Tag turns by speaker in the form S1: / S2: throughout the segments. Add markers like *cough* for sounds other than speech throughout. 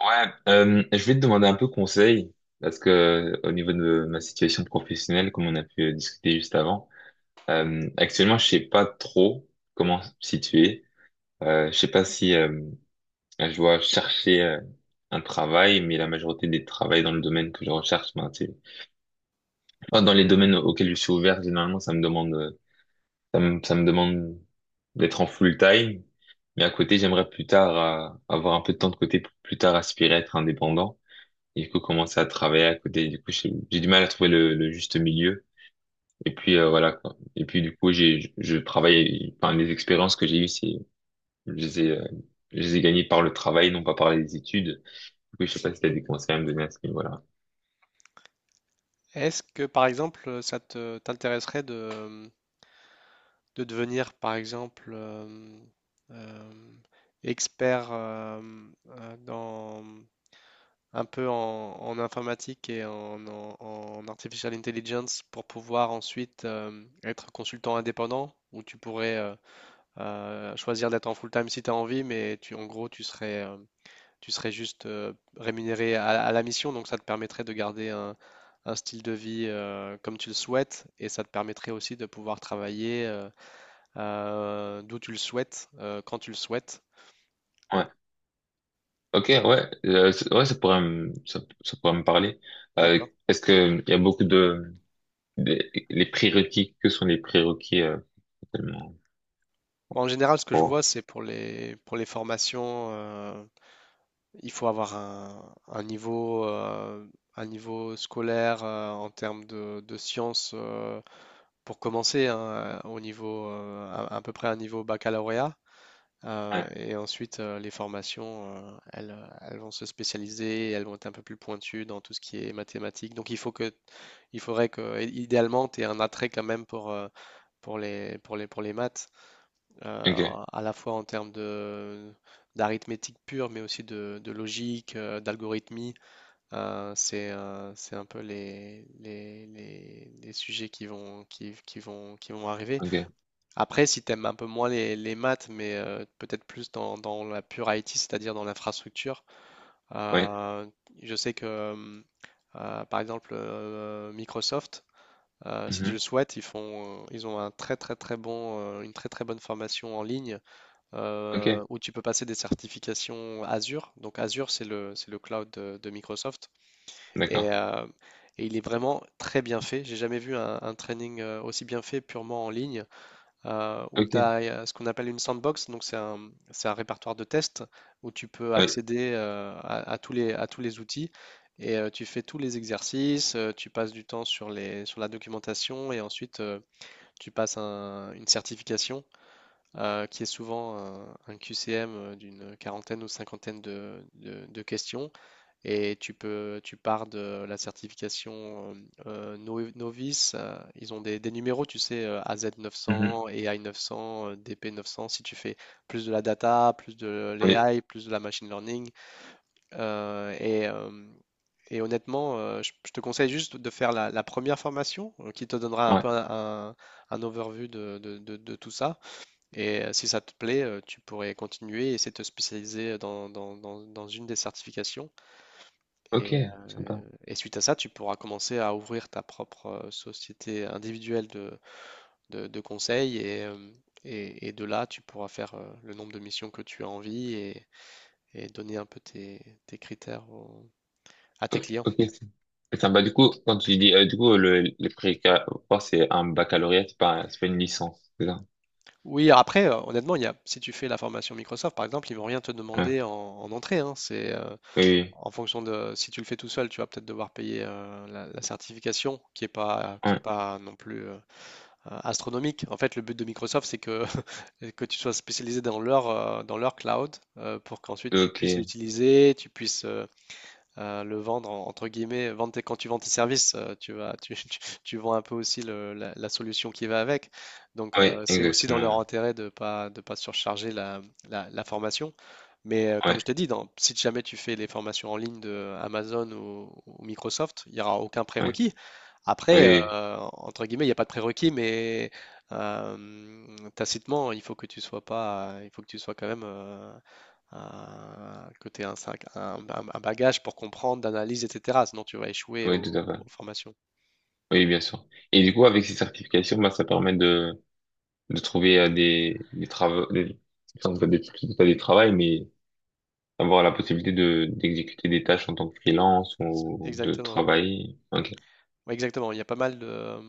S1: Ouais, je vais te demander un peu conseil parce que au niveau de ma situation professionnelle, comme on a pu discuter juste avant, actuellement je sais pas trop comment me situer. Je sais pas si je dois chercher un travail, mais la majorité des travails dans le domaine que je recherche, ben, enfin, dans les domaines auxquels je suis ouvert, généralement ça me demande, ça me demande d'être en full time. Mais à côté, j'aimerais plus tard avoir un peu de temps de côté pour plus tard aspirer à être indépendant. Et du coup, commencer à travailler à côté. Du coup, j'ai du mal à trouver le juste milieu. Et puis, voilà, quoi. Et puis, du coup, je travaille, enfin, les expériences que j'ai eues, je les ai, euh, je les ai gagnées par le travail, non pas par les études. Du coup, je sais pas si t'as des conseils à me donner à ce niveau-là.
S2: Est-ce que, par exemple, ça te t'intéresserait de devenir, par exemple, euh, expert dans un peu en informatique et en artificial intelligence pour pouvoir ensuite être consultant indépendant, où tu pourrais choisir d'être en full-time si tu as envie, mais en gros, tu serais juste rémunéré à la mission, donc ça te permettrait de garder un style de vie comme tu le souhaites, et ça te permettrait aussi de pouvoir travailler d'où tu le souhaites, quand tu le souhaites.
S1: Ouais. Ok, ouais. Ouais, ça pourrait me parler. Euh,
S2: D'accord.
S1: est-ce que il y a beaucoup les prérequis, que sont les prérequis, tellement
S2: Bon, en général, ce que je
S1: pour,
S2: vois, c'est pour les formations, il faut avoir un niveau scolaire en termes de sciences pour commencer, hein, au niveau, à peu près un niveau baccalauréat.
S1: ouais.
S2: Et ensuite, les formations, elles vont se spécialiser, elles vont être un peu plus pointues dans tout ce qui est mathématiques. Donc, il faudrait que, idéalement, tu aies un attrait quand même pour les maths,
S1: Ok,
S2: à la fois en termes d'arithmétique pure, mais aussi de logique, d'algorithmie. C'est un peu les sujets qui vont arriver.
S1: ok,
S2: Après, si t'aimes un peu moins les maths, mais peut-être plus dans la pure IT, c'est-à-dire dans l'infrastructure,
S1: ouais.
S2: euh, je sais que, par exemple, Microsoft, si tu le
S1: Mhm.
S2: souhaites, ils ont un très très très bon, une très très bonne formation en ligne
S1: Ok,
S2: où tu peux passer des certifications Azure. Donc Azure, c'est le cloud de Microsoft. Et,
S1: d'accord.
S2: euh, et il est vraiment très bien fait. J'ai jamais vu un training aussi bien fait purement en ligne où
S1: Ok,
S2: tu as ce qu'on appelle une sandbox, donc c'est un répertoire de tests où tu peux
S1: ouais.
S2: accéder à tous les outils et tu fais tous les exercices, tu passes du temps sur sur la documentation et ensuite tu passes une certification qui est souvent un QCM d'une quarantaine ou cinquantaine de questions et tu pars de la certification novice. Ils ont des numéros, tu sais,
S1: Mhm.
S2: AZ900, AI900, DP900. Si tu fais plus de la data, plus de
S1: Oui,
S2: l'AI, plus de la machine learning. Euh, et, euh, Honnêtement, je te conseille juste de faire la première formation qui te donnera un peu
S1: ouais.
S2: un overview de tout ça. Et si ça te plaît, tu pourrais continuer et essayer de te spécialiser dans une des certifications.
S1: Ok,
S2: Et, heu
S1: sympa.
S2: suite à ça, tu pourras commencer à ouvrir ta propre, société individuelle de conseil et hem et de là, tu pourras faire, le nombre de missions que tu as envie et donner un peu tes critères aux à tes clients.
S1: Ok, c'est sympa. Du coup, quand tu dis, du coup, le préca, quoi, c'est un baccalauréat, c'est pas une licence, c'est ça?
S2: Oui, après, honnêtement, il y a si tu fais la formation Microsoft, par exemple, ils vont rien te
S1: Ouais.
S2: demander en entrée, hein.
S1: Oui,
S2: En fonction de si tu le fais tout seul, tu vas peut-être devoir payer, la certification qui
S1: oui.
S2: est pas non plus, astronomique. En fait, le but de Microsoft, c'est que, *laughs* que tu sois spécialisé dans dans leur cloud pour qu'ensuite
S1: Ouais.
S2: tu
S1: Ok.
S2: puisses l'utiliser, tu puisses le vendre entre guillemets, quand tu vends tes services, *laughs* tu vends un peu aussi la solution qui va avec. Donc
S1: Ouais,
S2: c'est aussi dans
S1: exactement.
S2: leur intérêt de pas surcharger la formation. Mais comme
S1: Ouais,
S2: je te dis, si jamais tu fais les formations en ligne de Amazon ou Microsoft, il n'y aura aucun
S1: ouais,
S2: prérequis. Après,
S1: ouais,
S2: entre guillemets, il n'y a pas de prérequis, mais euh, tacitement, il faut que tu sois pas, il faut que tu sois quand même que tu aies un, sac- un bagage pour comprendre, d'analyse, etc. Sinon, tu vas échouer
S1: oui, oui, tout à fait.
S2: aux formations.
S1: Oui, bien sûr. Et du coup, avec ces certifications, bah, ça permet de trouver des travaux, enfin, pas des travails, mais avoir la possibilité de d'exécuter des tâches en tant que freelance ou de
S2: Exactement.
S1: travailler. Ok.
S2: Ouais, exactement. Il y a pas mal de,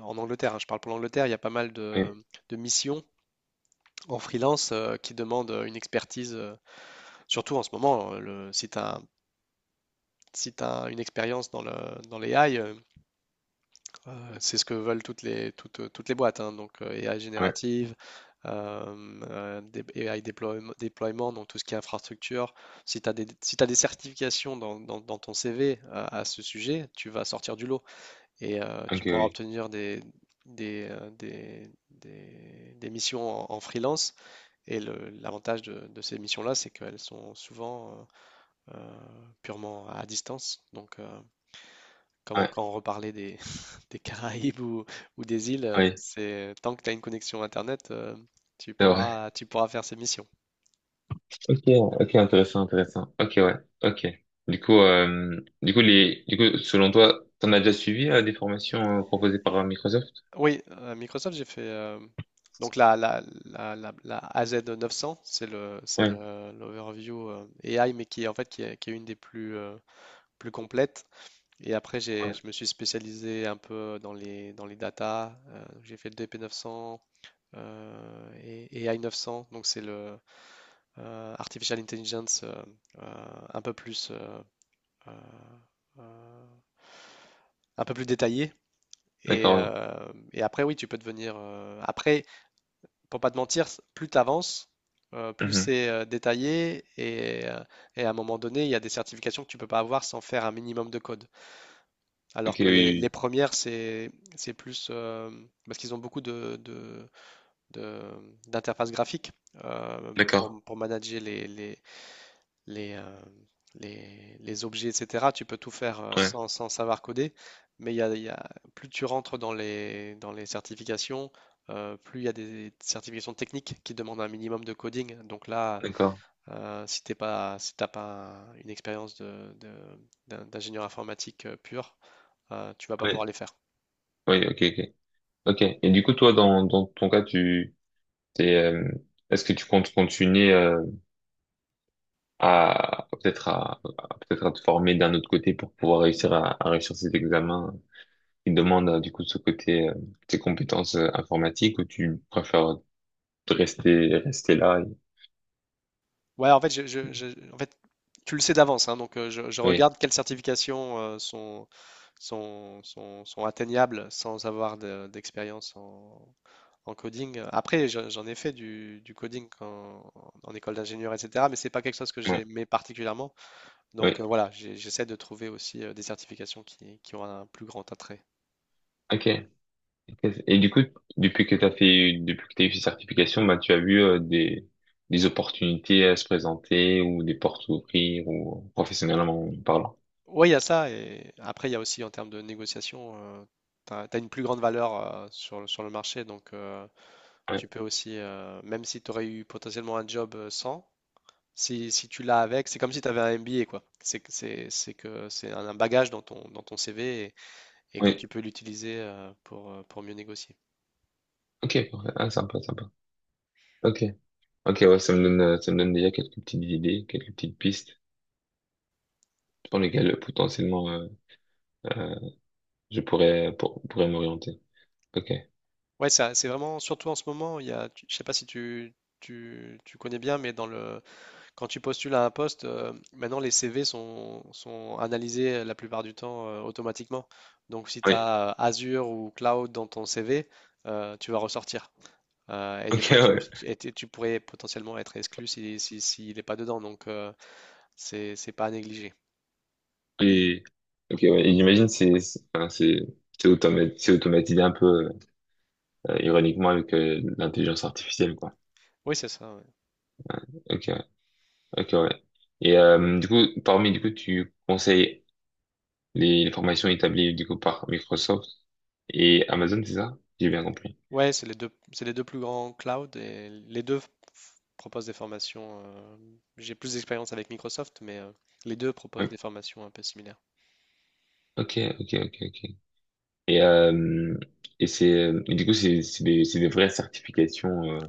S2: En Angleterre, hein, je parle pour l'Angleterre, il y a pas mal
S1: Ouais,
S2: de missions en freelance qui demandent une expertise, surtout en ce moment, le, si tu as, si t'as une expérience dans dans l'AI. C'est ce que veulent toutes les boîtes, hein, donc AI
S1: oui,
S2: générative, AI déploiement, donc tout ce qui est infrastructure. Si t'as des certifications dans ton CV à ce sujet, tu vas sortir du lot et
S1: ok,
S2: tu pourras
S1: oui.
S2: obtenir des missions en freelance. Et l'avantage de ces missions-là, c'est qu'elles sont souvent purement à distance. Donc, comment
S1: Ouais.
S2: quand on reparlait *laughs* des Caraïbes ou des îles,
S1: Oui,
S2: c'est tant que tu as une connexion Internet,
S1: c'est vrai.
S2: tu pourras faire ces missions.
S1: Ok, ok, intéressant, intéressant. Ok, ouais, ok. Du coup, du coup, selon toi, t'en as déjà suivi des formations proposées par Microsoft?
S2: Oui, à Microsoft, j'ai fait donc la AZ900, c'est le, c'est
S1: Oui,
S2: le- l'overview AI, mais qui est en fait qui est une des plus, plus complètes. Et après,
S1: ouais.
S2: je me suis spécialisé un peu dans les data. J'ai fait le DP900 et AI900, donc c'est le artificial intelligence, euh, un peu plus, euh, euh, un peu plus détaillé.
S1: D'accord,
S2: Après, oui, tu peux devenir. Après, pour pas te mentir, plus tu avances,
S1: oui.
S2: plus
S1: Mhm.
S2: c'est détaillé. À un moment donné, il y a des certifications que tu peux pas avoir sans faire un minimum de code.
S1: Ok,
S2: Alors
S1: oui,
S2: que
S1: oui.
S2: les
S1: Oui.
S2: premières, c'est plus. Parce qu'ils ont beaucoup d'interfaces graphiques
S1: D'accord,
S2: pour manager les, euh, les objets, etc. Tu peux tout faire
S1: ouais,
S2: sans savoir coder, mais plus tu rentres dans les certifications, plus il y a des certifications techniques qui demandent un minimum de coding. Donc là,
S1: d'accord.
S2: si t'es pas, si t'as pas une expérience d'ingénieur informatique pur, tu vas pas pouvoir
S1: Oui,
S2: les faire.
S1: oui, ok, ok. Ok. Et du coup, toi, dans ton cas, t'es, euh, est-ce que tu comptes continuer à peut-être peut-être à te former d'un autre côté pour pouvoir réussir à réussir ces examens il demande du coup de ce côté tes compétences informatiques ou tu préfères te rester rester là et-
S2: Ouais, en fait, tu le sais d'avance, hein, donc je
S1: oui,
S2: regarde quelles certifications sont atteignables sans avoir d'expérience en coding. Après, j'en ai fait du coding en école d'ingénieur, etc., mais c'est pas quelque chose que
S1: ouais,
S2: j'aimais particulièrement. Donc
S1: oui,
S2: voilà, j'essaie de trouver aussi des certifications qui ont un plus grand attrait.
S1: ok. Et du coup, depuis que t'as fait, depuis que t'as eu ces certifications, bah tu as vu des opportunités à se présenter ou des portes à ouvrir ou professionnellement parlant.
S2: Oui, il y a ça, et après, il y a aussi en termes de négociation, une plus grande valeur sur le marché, donc
S1: Ouais,
S2: tu peux aussi, même si tu aurais eu potentiellement un job sans, si tu l'as avec, c'est comme si tu avais un MBA, quoi. C'est que c'est un bagage dans dans ton CV et que tu
S1: oui,
S2: peux l'utiliser pour mieux négocier.
S1: ok, parfait. Ah, sympa, sympa. Ok, ok, ouais, ça me donne déjà quelques petites idées, quelques petites pistes sur lesquelles potentiellement euh, je pourrais m'orienter. Ok.
S2: Ouais, ça, c'est vraiment, surtout en ce moment, il y a, tu- je sais pas si tu connais bien, mais quand tu postules à un poste, maintenant les CV sont analysés la plupart du temps automatiquement. Donc si tu
S1: Oui.
S2: as Azure ou Cloud dans ton CV, tu vas ressortir. Et des
S1: Ok,
S2: fois,
S1: ouais.
S2: tu pourrais potentiellement être exclu si, si, s'il n'est pas dedans. Donc, c'est pas à négliger.
S1: Et, ok, ouais. Et j'imagine c'est, enfin, c'est c'est automatisé un peu ironiquement avec l'intelligence artificielle, quoi.
S2: Oui, c'est ça. Ouais,
S1: Ok, ok, ouais. Du coup, tu conseilles les formations établies du coup par Microsoft et Amazon, c'est ça? J'ai bien compris.
S2: Ouais, c'est les deux plus grands clouds et les deux proposent des formations. J'ai plus d'expérience avec Microsoft, mais les deux proposent
S1: Oui.
S2: des formations un peu similaires.
S1: Ok, ok, ok, ok. Et euh, et c'est du coup c'est c'est des vraies certifications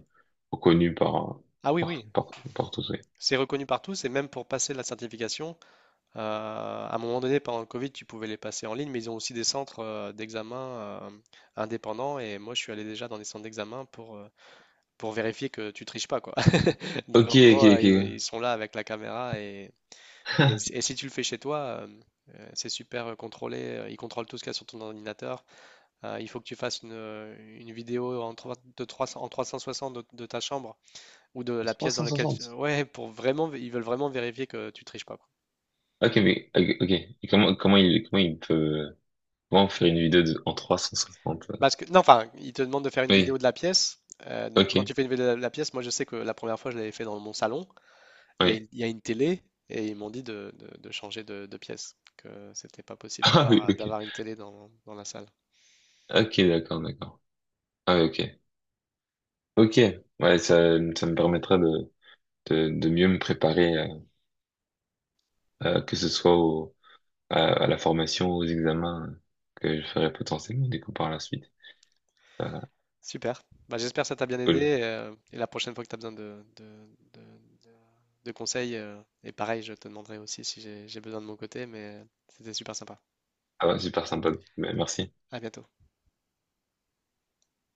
S1: reconnues par
S2: Ah oui, oui,
S1: par tous. Ouais.
S2: c'est reconnu partout. C'est même pour passer la certification. euh, à un moment donné, pendant le Covid, tu pouvais les passer en ligne, mais ils ont aussi des centres d'examen indépendants. Et moi, je suis allé déjà dans des centres d'examen pour vérifier que tu triches pas, quoi. *laughs* Donc
S1: Ok,
S2: en
S1: ok,
S2: gros,
S1: ok.
S2: ils sont là avec la caméra.
S1: *laughs*
S2: Si tu le fais chez toi, c'est super contrôlé. Ils contrôlent tout ce qu'il y a sur ton ordinateur. Il faut que tu fasses une vidéo de 300 en 360 de ta chambre ou de la pièce dans laquelle tu.
S1: 360.
S2: Ouais, ils veulent vraiment vérifier que tu triches pas, quoi.
S1: Ok, mais ok, ok. Et comment il peut, comment faire une vidéo de, en 360?
S2: Parce que, non, enfin, ils te demandent de faire une vidéo
S1: Oui,
S2: de la pièce. Donc, quand tu
S1: ok,
S2: fais une vidéo de la pièce, moi, je sais que la première fois, je l'avais fait dans mon salon.
S1: oui.
S2: Il y a une télé et ils m'ont dit de changer de pièce, que c'était pas
S1: *laughs*
S2: possible
S1: Ah oui, ok.
S2: d'avoir une télé dans la salle.
S1: Ok, d'accord, d'accord. Ah oui, ok. Ok. Ouais, ça me permettra de mieux me préparer que ce soit au, à la formation, aux examens que je ferai potentiellement du coup par la suite. Euh,
S2: Super. Bah, j'espère que ça t'a bien
S1: cool.
S2: aidé. La prochaine fois que tu as besoin de- de conseils, et pareil, je te demanderai aussi si j'ai besoin de mon côté, mais c'était super sympa.
S1: Ah ouais, super sympa. Mais merci.
S2: À bientôt.